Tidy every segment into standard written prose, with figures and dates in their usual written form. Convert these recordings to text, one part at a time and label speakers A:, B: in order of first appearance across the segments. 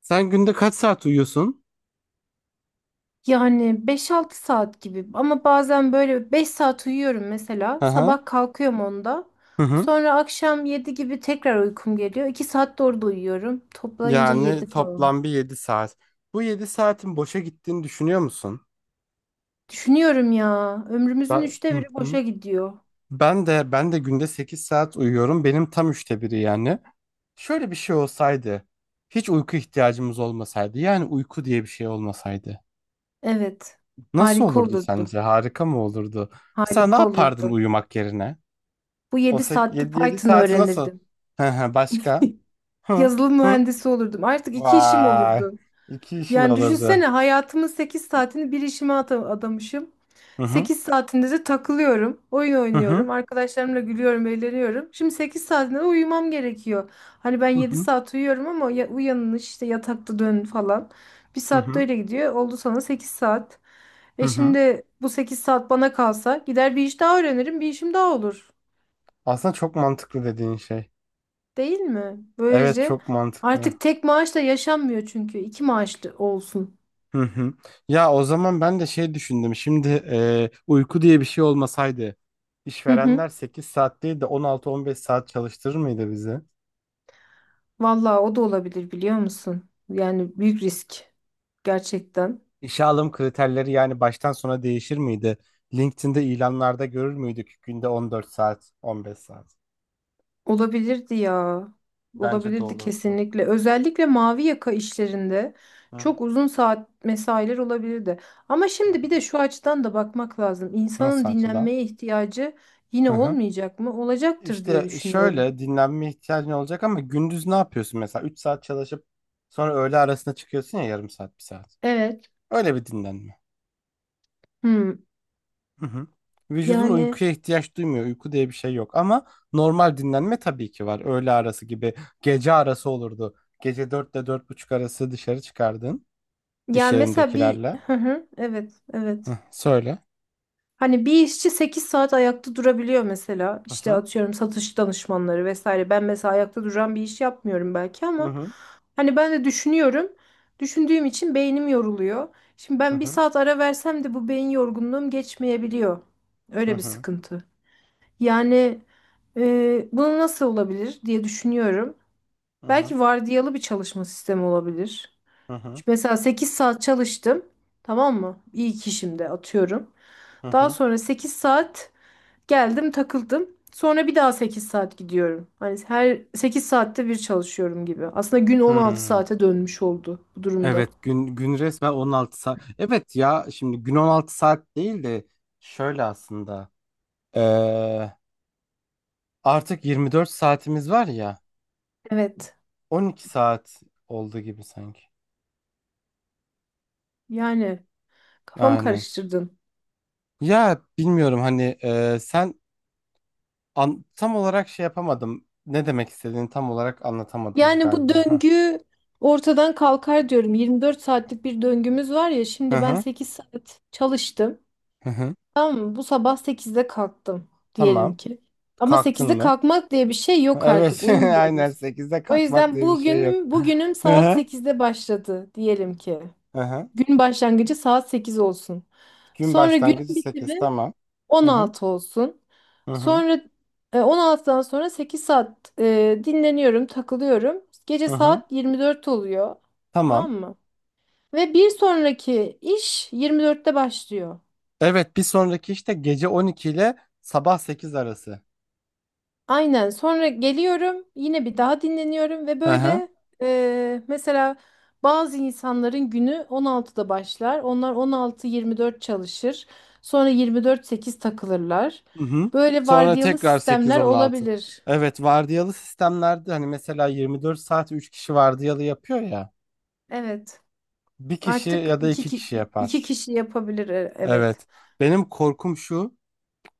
A: Sen günde kaç saat uyuyorsun?
B: Yani 5-6 saat gibi ama bazen böyle 5 saat uyuyorum mesela.
A: Hı hı.
B: Sabah kalkıyorum 10'da.
A: Hı hı.
B: Sonra akşam 7 gibi tekrar uykum geliyor. 2 saat de orada uyuyorum. Toplayınca yedi
A: Yani
B: falan.
A: toplam bir 7 saat. Bu 7 saatin boşa gittiğini düşünüyor musun?
B: Düşünüyorum ya. Ömrümüzün üçte
A: Hı
B: biri
A: hı.
B: boşa gidiyor.
A: Ben de günde 8 saat uyuyorum. Benim tam üçte biri yani. Şöyle bir şey olsaydı, hiç uyku ihtiyacımız olmasaydı, yani uyku diye bir şey olmasaydı,
B: Evet.
A: nasıl
B: Harika
A: olurdu
B: olurdu.
A: sence? Harika mı olurdu? Mesela ne
B: Harika
A: yapardın
B: olurdu.
A: uyumak yerine?
B: Bu
A: O
B: 7 saatte
A: 7
B: Python
A: saati nasıl?
B: öğrenirdim.
A: Hı hı, başka? Hı
B: Yazılım
A: hı.
B: mühendisi olurdum. Artık iki işim
A: Vay.
B: olurdu.
A: İki işin
B: Yani düşünsene
A: olurdu.
B: hayatımın 8 saatini bir işime adamışım.
A: Hı hı.
B: 8 saatinde de takılıyorum, oyun
A: Hı hı.
B: oynuyorum, arkadaşlarımla gülüyorum, eğleniyorum. Şimdi 8 saatinde de uyumam gerekiyor. Hani ben
A: Hı
B: yedi
A: hı.
B: saat uyuyorum ama ya, uyanın işte yatakta dön falan. Bir
A: Hı
B: saat de
A: hı.
B: öyle gidiyor. Oldu sana 8 saat.
A: Hı
B: E
A: hı.
B: şimdi bu 8 saat bana kalsa gider bir iş daha öğrenirim, bir işim daha olur.
A: Aslında çok mantıklı dediğin şey.
B: Değil mi?
A: Evet,
B: Böylece
A: çok mantıklı.
B: artık tek maaşla yaşanmıyor çünkü. İki maaşlı olsun.
A: Hı hı. Ya o zaman ben de şey düşündüm. Şimdi uyku diye bir şey olmasaydı,
B: Hı hı.
A: işverenler 8 saat değil de on altı, on beş saat çalıştırır mıydı bizi?
B: Vallahi o da olabilir biliyor musun? Yani büyük risk gerçekten.
A: İşe alım kriterleri yani baştan sona değişir miydi? LinkedIn'de ilanlarda görür müydük günde 14 saat, 15 saat?
B: Olabilirdi ya.
A: Bence de
B: Olabilirdi
A: olurdu.
B: kesinlikle. Özellikle mavi yaka işlerinde
A: Hı
B: çok
A: hı.
B: uzun saat mesailer olabilirdi. Ama
A: Hı
B: şimdi bir
A: hı.
B: de şu açıdan da bakmak lazım. İnsanın
A: Nasıl açıdan?
B: dinlenmeye ihtiyacı yine
A: Hı hı.
B: olmayacak mı? Olacaktır diye
A: İşte
B: düşünüyorum.
A: şöyle dinlenme ihtiyacın olacak ama gündüz ne yapıyorsun mesela? 3 saat çalışıp sonra öğle arasında çıkıyorsun ya, yarım saat, bir saat.
B: Evet.
A: Öyle bir dinlenme.
B: Hmm.
A: Hı hı. Vücudun
B: Yani,
A: uykuya ihtiyaç duymuyor. Uyku diye bir şey yok ama normal dinlenme tabii ki var. Öğle arası gibi gece arası olurdu. Gece 4 ile dört buçuk arası dışarı çıkardın iş
B: ya mesela bir
A: yerindekilerle.
B: Hı hı. Evet,
A: Hı,
B: evet.
A: söyle.
B: Hani bir işçi 8 saat ayakta durabiliyor mesela.
A: Hı
B: İşte
A: hı.
B: atıyorum satış danışmanları vesaire. Ben mesela ayakta duran bir iş yapmıyorum belki
A: Hı
B: ama
A: hı.
B: hani ben de düşünüyorum. Düşündüğüm için beynim yoruluyor. Şimdi
A: Hı
B: ben bir
A: hı.
B: saat ara versem de bu beyin yorgunluğum geçmeyebiliyor.
A: Hı
B: Öyle bir
A: hı.
B: sıkıntı. Yani bunu nasıl olabilir diye düşünüyorum.
A: Hı hı.
B: Belki vardiyalı bir çalışma sistemi olabilir.
A: Hı hı.
B: Mesela 8 saat çalıştım. Tamam mı? İyi ki şimdi atıyorum.
A: Hı
B: Daha
A: hı.
B: sonra 8 saat geldim takıldım. Sonra bir daha 8 saat gidiyorum. Hani her 8 saatte bir çalışıyorum gibi. Aslında gün 16
A: Hı.
B: saate dönmüş oldu bu durumda.
A: Evet, gün resmen 16 saat. Evet ya, şimdi gün 16 saat değil de şöyle aslında. Ee, artık 24 saatimiz var ya,
B: Evet.
A: 12 saat oldu gibi sanki.
B: Yani kafamı
A: Aynen.
B: karıştırdın.
A: Ya bilmiyorum hani tam olarak şey yapamadım. Ne demek istediğini tam olarak anlatamadın
B: Yani bu
A: galiba. Hah.
B: döngü ortadan kalkar diyorum. 24 saatlik bir döngümüz var ya.
A: Hı
B: Şimdi ben
A: hı.
B: 8 saat çalıştım.
A: Hı hı.
B: Tamam mı? Bu sabah 8'de kalktım
A: Tamam.
B: diyelim ki. Ama
A: Kalktın
B: 8'de
A: mı?
B: kalkmak diye bir şey yok, artık
A: Evet. Aynen,
B: uyumuyoruz.
A: 8'de
B: O
A: kalkmak
B: yüzden
A: diye bir şey yok.
B: bugünüm
A: Hı
B: saat
A: hı.
B: 8'de başladı diyelim ki.
A: Hı hı.
B: Gün başlangıcı saat 8 olsun.
A: Gün
B: Sonra günün
A: başlangıcı sekiz,
B: bitimi
A: tamam.
B: on
A: Hı hı,
B: altı olsun.
A: hı hı,
B: Sonra 16'dan sonra 8 saat dinleniyorum, takılıyorum. Gece
A: hı hı.
B: saat 24 oluyor. Tamam
A: Tamam.
B: mı? Ve bir sonraki iş 24'te başlıyor.
A: Evet, bir sonraki işte gece 12 ile sabah 8 arası.
B: Aynen. Sonra geliyorum, yine bir daha dinleniyorum ve
A: Hı hı.
B: böyle mesela bazı insanların günü 16'da başlar. Onlar 16-24 çalışır. Sonra 24-8 takılırlar.
A: Hı hı.
B: Böyle
A: Sonra
B: vardiyalı
A: tekrar sekiz,
B: sistemler
A: 16.
B: olabilir.
A: Evet, vardiyalı sistemlerde hani mesela 24 saat 3 kişi vardiyalı yapıyor ya.
B: Evet.
A: Bir kişi
B: Artık
A: ya da
B: iki,
A: iki kişi
B: ki- iki
A: yapar.
B: kişi yapabilir. Evet.
A: Evet. Benim korkum şu,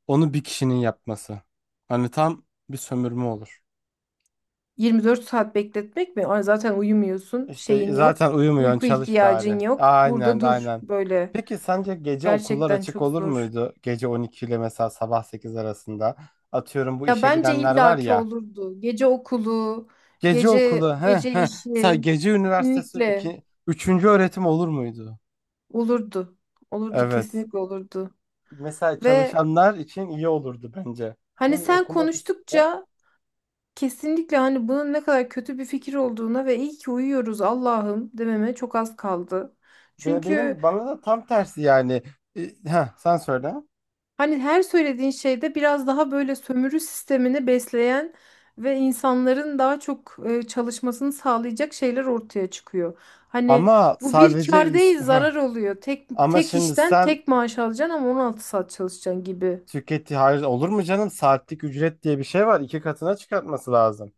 A: onu bir kişinin yapması. Hani tam bir sömürme olur.
B: 24 saat bekletmek mi? Ay, zaten uyumuyorsun.
A: İşte
B: Şeyin
A: zaten
B: yok.
A: uyumuyorsun,
B: Uyku
A: çalış
B: ihtiyacın
A: bari.
B: yok.
A: Aynen
B: Burada dur
A: aynen.
B: böyle.
A: Peki sence gece okullar
B: Gerçekten
A: açık
B: çok
A: olur
B: zor.
A: muydu? Gece 12 ile mesela sabah 8 arasında. Atıyorum bu
B: Ya
A: işe
B: bence
A: gidenler var
B: illaki
A: ya.
B: olurdu. Gece okulu,
A: Gece
B: gece
A: okulu, he
B: gece
A: he. Sen
B: işi
A: gece üniversitesi,
B: kesinlikle
A: iki, üçüncü öğretim olur muydu?
B: olurdu. Olurdu,
A: Evet.
B: kesinlikle olurdu.
A: Mesela
B: Ve
A: çalışanlar için iyi olurdu bence.
B: hani
A: Hem
B: sen
A: okumak istiyor.
B: konuştukça kesinlikle hani bunun ne kadar kötü bir fikir olduğuna ve iyi ki uyuyoruz Allah'ım dememe çok az kaldı.
A: Ve
B: Çünkü
A: benim bana da tam tersi yani. Sen söyle.
B: hani her söylediğin şeyde biraz daha böyle sömürü sistemini besleyen ve insanların daha çok çalışmasını sağlayacak şeyler ortaya çıkıyor. Hani
A: Ama
B: bu bir
A: sadece
B: kar
A: ins-
B: değil
A: heh.
B: zarar oluyor. Tek
A: Ama
B: tek
A: şimdi
B: işten
A: sen,
B: tek maaş alacaksın ama 16 saat çalışacaksın gibi.
A: Hayır olur mu canım? Saatlik ücret diye bir şey var. İki katına çıkartması lazım.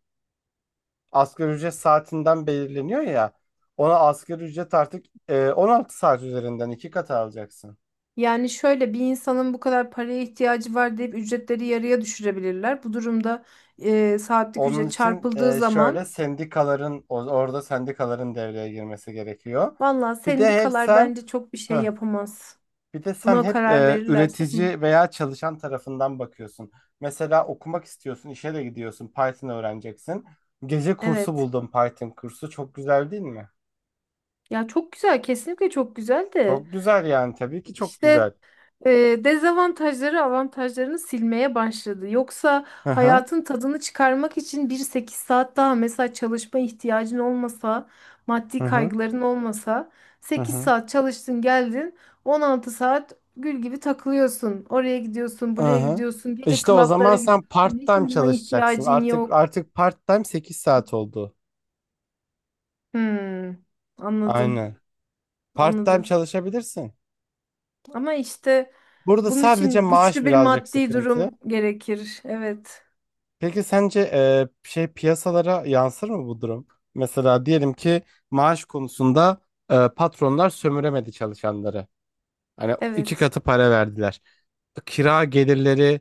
A: Asgari ücret saatinden belirleniyor ya. Ona asgari ücret artık 16 saat üzerinden iki kat alacaksın.
B: Yani şöyle bir insanın bu kadar paraya ihtiyacı var deyip ücretleri yarıya düşürebilirler. Bu durumda saatlik
A: Onun
B: ücret
A: için
B: çarpıldığı zaman
A: şöyle sendikaların, orada sendikaların devreye girmesi gerekiyor.
B: valla
A: Bir de hep
B: sendikalar
A: sen
B: bence çok bir şey
A: heh,
B: yapamaz.
A: bir de sen
B: Buna
A: hep
B: karar verirlerse. Hı.
A: üretici veya çalışan tarafından bakıyorsun. Mesela okumak istiyorsun, işe de gidiyorsun, Python öğreneceksin. Gece kursu
B: Evet.
A: buldum, Python kursu. Çok güzel değil mi?
B: Ya çok güzel, kesinlikle çok güzel de
A: Çok güzel, yani tabii ki çok
B: işte
A: güzel.
B: e, dezavantajları avantajlarını silmeye başladı. Yoksa
A: Hı hı,
B: hayatın tadını çıkarmak için bir 8 saat daha mesela çalışma ihtiyacın olmasa,
A: hı
B: maddi
A: hı,
B: kaygıların olmasa
A: hı
B: sekiz
A: hı.
B: saat çalıştın geldin 16 saat gül gibi takılıyorsun. Oraya gidiyorsun,
A: Hı
B: buraya
A: hı.
B: gidiyorsun, gece
A: İşte o zaman
B: klaplara
A: sen
B: gidiyorsun. Hiç
A: part-time
B: uyumaya
A: çalışacaksın.
B: ihtiyacın
A: Artık
B: yok.
A: artık part-time 8 saat oldu.
B: Hmm, anladım,
A: Aynen. Part-time
B: anladım.
A: çalışabilirsin.
B: Ama işte
A: Burada
B: bunun
A: sadece
B: için
A: maaş
B: güçlü bir
A: birazcık
B: maddi
A: sıkıntı.
B: durum gerekir. Evet.
A: Peki sence şey, piyasalara yansır mı bu durum? Mesela diyelim ki maaş konusunda patronlar sömüremedi çalışanları. Hani iki
B: Evet.
A: katı para verdiler. Kira gelirleri,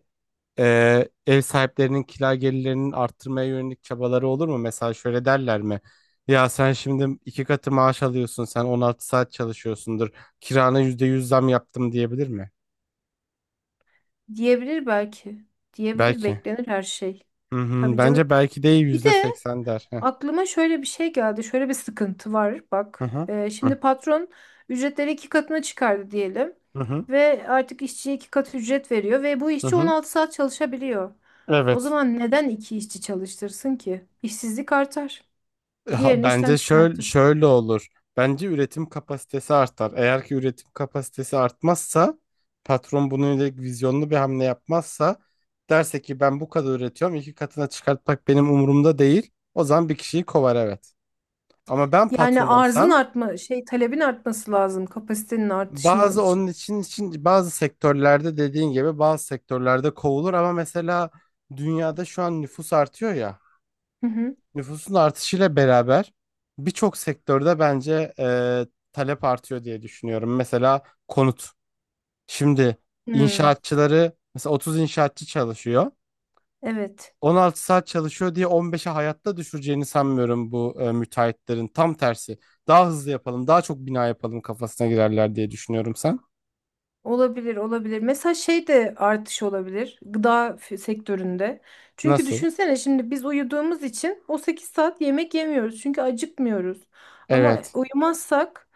A: ev sahiplerinin kira gelirlerinin arttırmaya yönelik çabaları olur mu? Mesela şöyle derler mi? Ya sen şimdi iki katı maaş alıyorsun, sen 16 saat çalışıyorsundur. Kirana %100 zam yaptım diyebilir mi?
B: Diyebilir belki. Diyebilir,
A: Belki.
B: beklenir her şey.
A: Hı hı.
B: Tabii canım.
A: Bence belki değil,
B: Bir de
A: %80 der. Heh.
B: aklıma şöyle bir şey geldi. Şöyle bir sıkıntı var.
A: Hı
B: Bak.
A: hı. Hı hı.
B: Şimdi patron ücretleri iki katına çıkardı diyelim.
A: Hı hı.
B: Ve artık işçiye iki kat ücret veriyor. Ve bu
A: Hı
B: işçi
A: hı.
B: 16 saat çalışabiliyor. O
A: Evet.
B: zaman neden iki işçi çalıştırsın ki? İşsizlik artar.
A: Ha,
B: Diğerini işten
A: bence şöyle,
B: çıkartır.
A: şöyle olur. Bence üretim kapasitesi artar. Eğer ki üretim kapasitesi artmazsa, patron bununla ilgili vizyonlu bir hamle yapmazsa, derse ki ben bu kadar üretiyorum, iki katına çıkartmak benim umurumda değil. O zaman bir kişiyi kovar, evet. Ama ben
B: Yani
A: patron
B: arzın
A: olsam
B: artma, şey talebin artması lazım kapasitenin artışının
A: bazı,
B: için.
A: onun için bazı sektörlerde dediğin gibi, bazı sektörlerde kovulur ama mesela dünyada şu an nüfus artıyor ya.
B: Hı hı.
A: Nüfusun artışıyla beraber birçok sektörde bence talep artıyor diye düşünüyorum. Mesela konut. Şimdi
B: Hmm,
A: inşaatçıları mesela 30 inşaatçı çalışıyor.
B: evet.
A: 16 saat çalışıyor diye 15'e hayatta düşüreceğini sanmıyorum bu müteahhitlerin. Tam tersi. Daha hızlı yapalım, daha çok bina yapalım kafasına girerler diye düşünüyorum sen.
B: Olabilir, olabilir. Mesela şey de artış olabilir gıda sektöründe. Çünkü
A: Nasıl?
B: düşünsene şimdi biz uyuduğumuz için o 8 saat yemek yemiyoruz. Çünkü acıkmıyoruz. Ama
A: Evet.
B: uyumazsak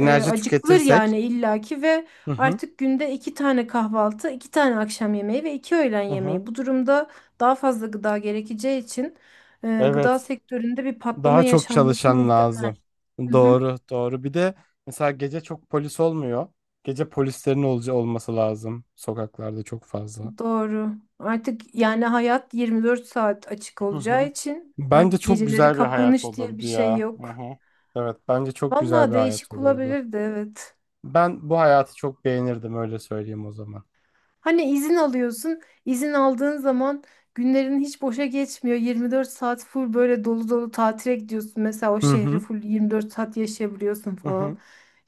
B: acıkılır
A: tüketirsek.
B: yani illaki ve
A: Hı hı.
B: artık günde 2 tane kahvaltı, 2 tane akşam yemeği ve 2 öğlen
A: Hı hı.
B: yemeği. Bu durumda daha fazla gıda gerekeceği için gıda
A: Evet.
B: sektöründe bir patlama
A: Daha çok
B: yaşanması
A: çalışan
B: muhtemel.
A: lazım. Doğru, doğru. Bir de mesela gece çok polis olmuyor. Gece polislerin olca olması lazım sokaklarda çok fazla.
B: Doğru. Artık yani hayat 24 saat açık
A: Hı
B: olacağı
A: hı.
B: için
A: Bence
B: artık
A: çok
B: geceleri
A: güzel bir hayat
B: kapanış diye bir
A: olurdu
B: şey
A: ya. Hı
B: yok.
A: hı. Evet, bence çok güzel
B: Vallahi
A: bir hayat
B: değişik
A: olurdu.
B: olabilirdi, evet.
A: Ben bu hayatı çok beğenirdim, öyle söyleyeyim o zaman.
B: Hani izin alıyorsun, izin aldığın zaman günlerin hiç boşa geçmiyor. 24 saat full böyle dolu dolu tatile gidiyorsun. Mesela o
A: Hı
B: şehri
A: hı.
B: full 24 saat yaşayabiliyorsun
A: Hı hı.
B: falan.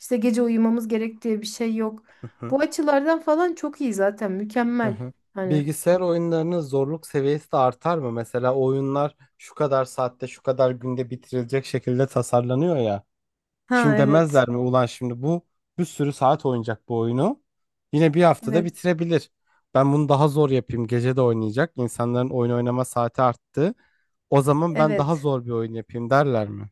B: İşte gece uyumamız gerek diye bir şey yok.
A: Hı hı.
B: Bu açılardan falan çok iyi, zaten mükemmel.
A: Hı.
B: Hani.
A: Bilgisayar oyunlarının zorluk seviyesi de artar mı? Mesela oyunlar şu kadar saatte, şu kadar günde bitirilecek şekilde tasarlanıyor ya. Şimdi
B: Ha, evet.
A: demezler mi ulan şimdi bu bir sürü saat oynayacak bu oyunu. Yine bir haftada
B: Evet.
A: bitirebilir. Ben bunu daha zor yapayım. Gece de oynayacak. İnsanların oyun oynama saati arttı. O zaman ben daha
B: Evet.
A: zor bir oyun yapayım derler mi?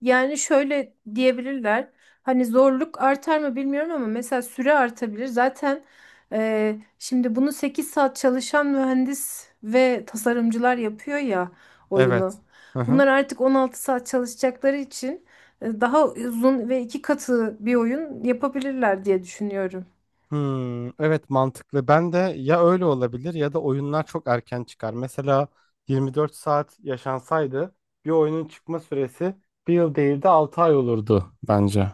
B: Yani şöyle diyebilirler. Hani zorluk artar mı bilmiyorum ama mesela süre artabilir. Zaten şimdi bunu 8 saat çalışan mühendis ve tasarımcılar yapıyor ya oyunu.
A: Evet. Hı hı.
B: Bunlar artık 16 saat çalışacakları için daha uzun ve iki katı bir oyun yapabilirler diye düşünüyorum.
A: Hmm, evet mantıklı. Ben de, ya öyle olabilir ya da oyunlar çok erken çıkar. Mesela 24 saat yaşansaydı bir oyunun çıkma süresi bir yıl değil de 6 ay olurdu bence.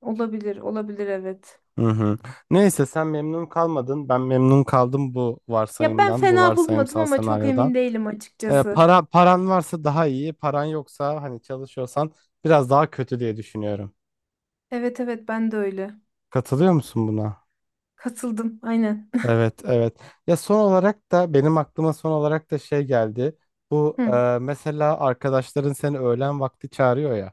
B: Olabilir, olabilir evet.
A: Hı hı. Neyse, sen memnun kalmadın. Ben memnun kaldım bu
B: Ya ben
A: varsayımdan, bu
B: fena bulmadım
A: varsayımsal
B: ama çok
A: senaryodan.
B: emin değilim açıkçası.
A: Paran varsa daha iyi, paran yoksa hani çalışıyorsan biraz daha kötü diye düşünüyorum.
B: Evet, evet ben de öyle.
A: Katılıyor musun buna?
B: Katıldım aynen.
A: Evet, evet. Ya son olarak da benim aklıma son olarak da şey geldi. Bu
B: Hı,
A: mesela arkadaşların seni öğlen vakti çağırıyor ya.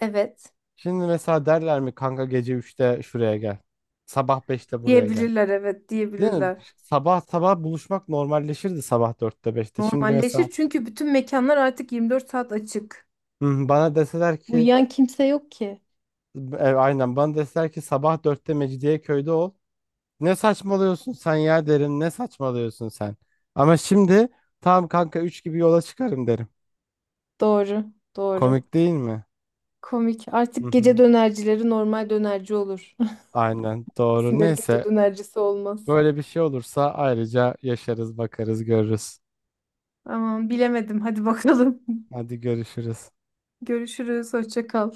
B: evet.
A: Şimdi mesela derler mi kanka, gece üçte şuraya gel. Sabah beşte buraya gel.
B: Diyebilirler evet
A: Değil mi?
B: diyebilirler.
A: Sabah sabah buluşmak normalleşirdi, sabah dörtte, beşte. Şimdi mesela
B: Normalleşir çünkü bütün mekanlar artık 24 saat açık.
A: hı, bana deseler ki
B: Uyuyan kimse yok ki.
A: bana deseler ki sabah 4'te Mecidiyeköy'de ol. Ne saçmalıyorsun sen ya derim. Ne saçmalıyorsun sen? Ama şimdi, tamam kanka 3 gibi yola çıkarım derim.
B: Doğru, doğru.
A: Komik değil mi?
B: Komik.
A: Hı
B: Artık gece
A: hı.
B: dönercileri normal dönerci olur.
A: Aynen doğru.
B: İsimleri gece
A: Neyse,
B: dönercisi olmaz.
A: böyle bir şey olursa ayrıca yaşarız, bakarız, görürüz.
B: Aman bilemedim. Hadi bakalım.
A: Hadi görüşürüz.
B: Görüşürüz. Hoşça kal.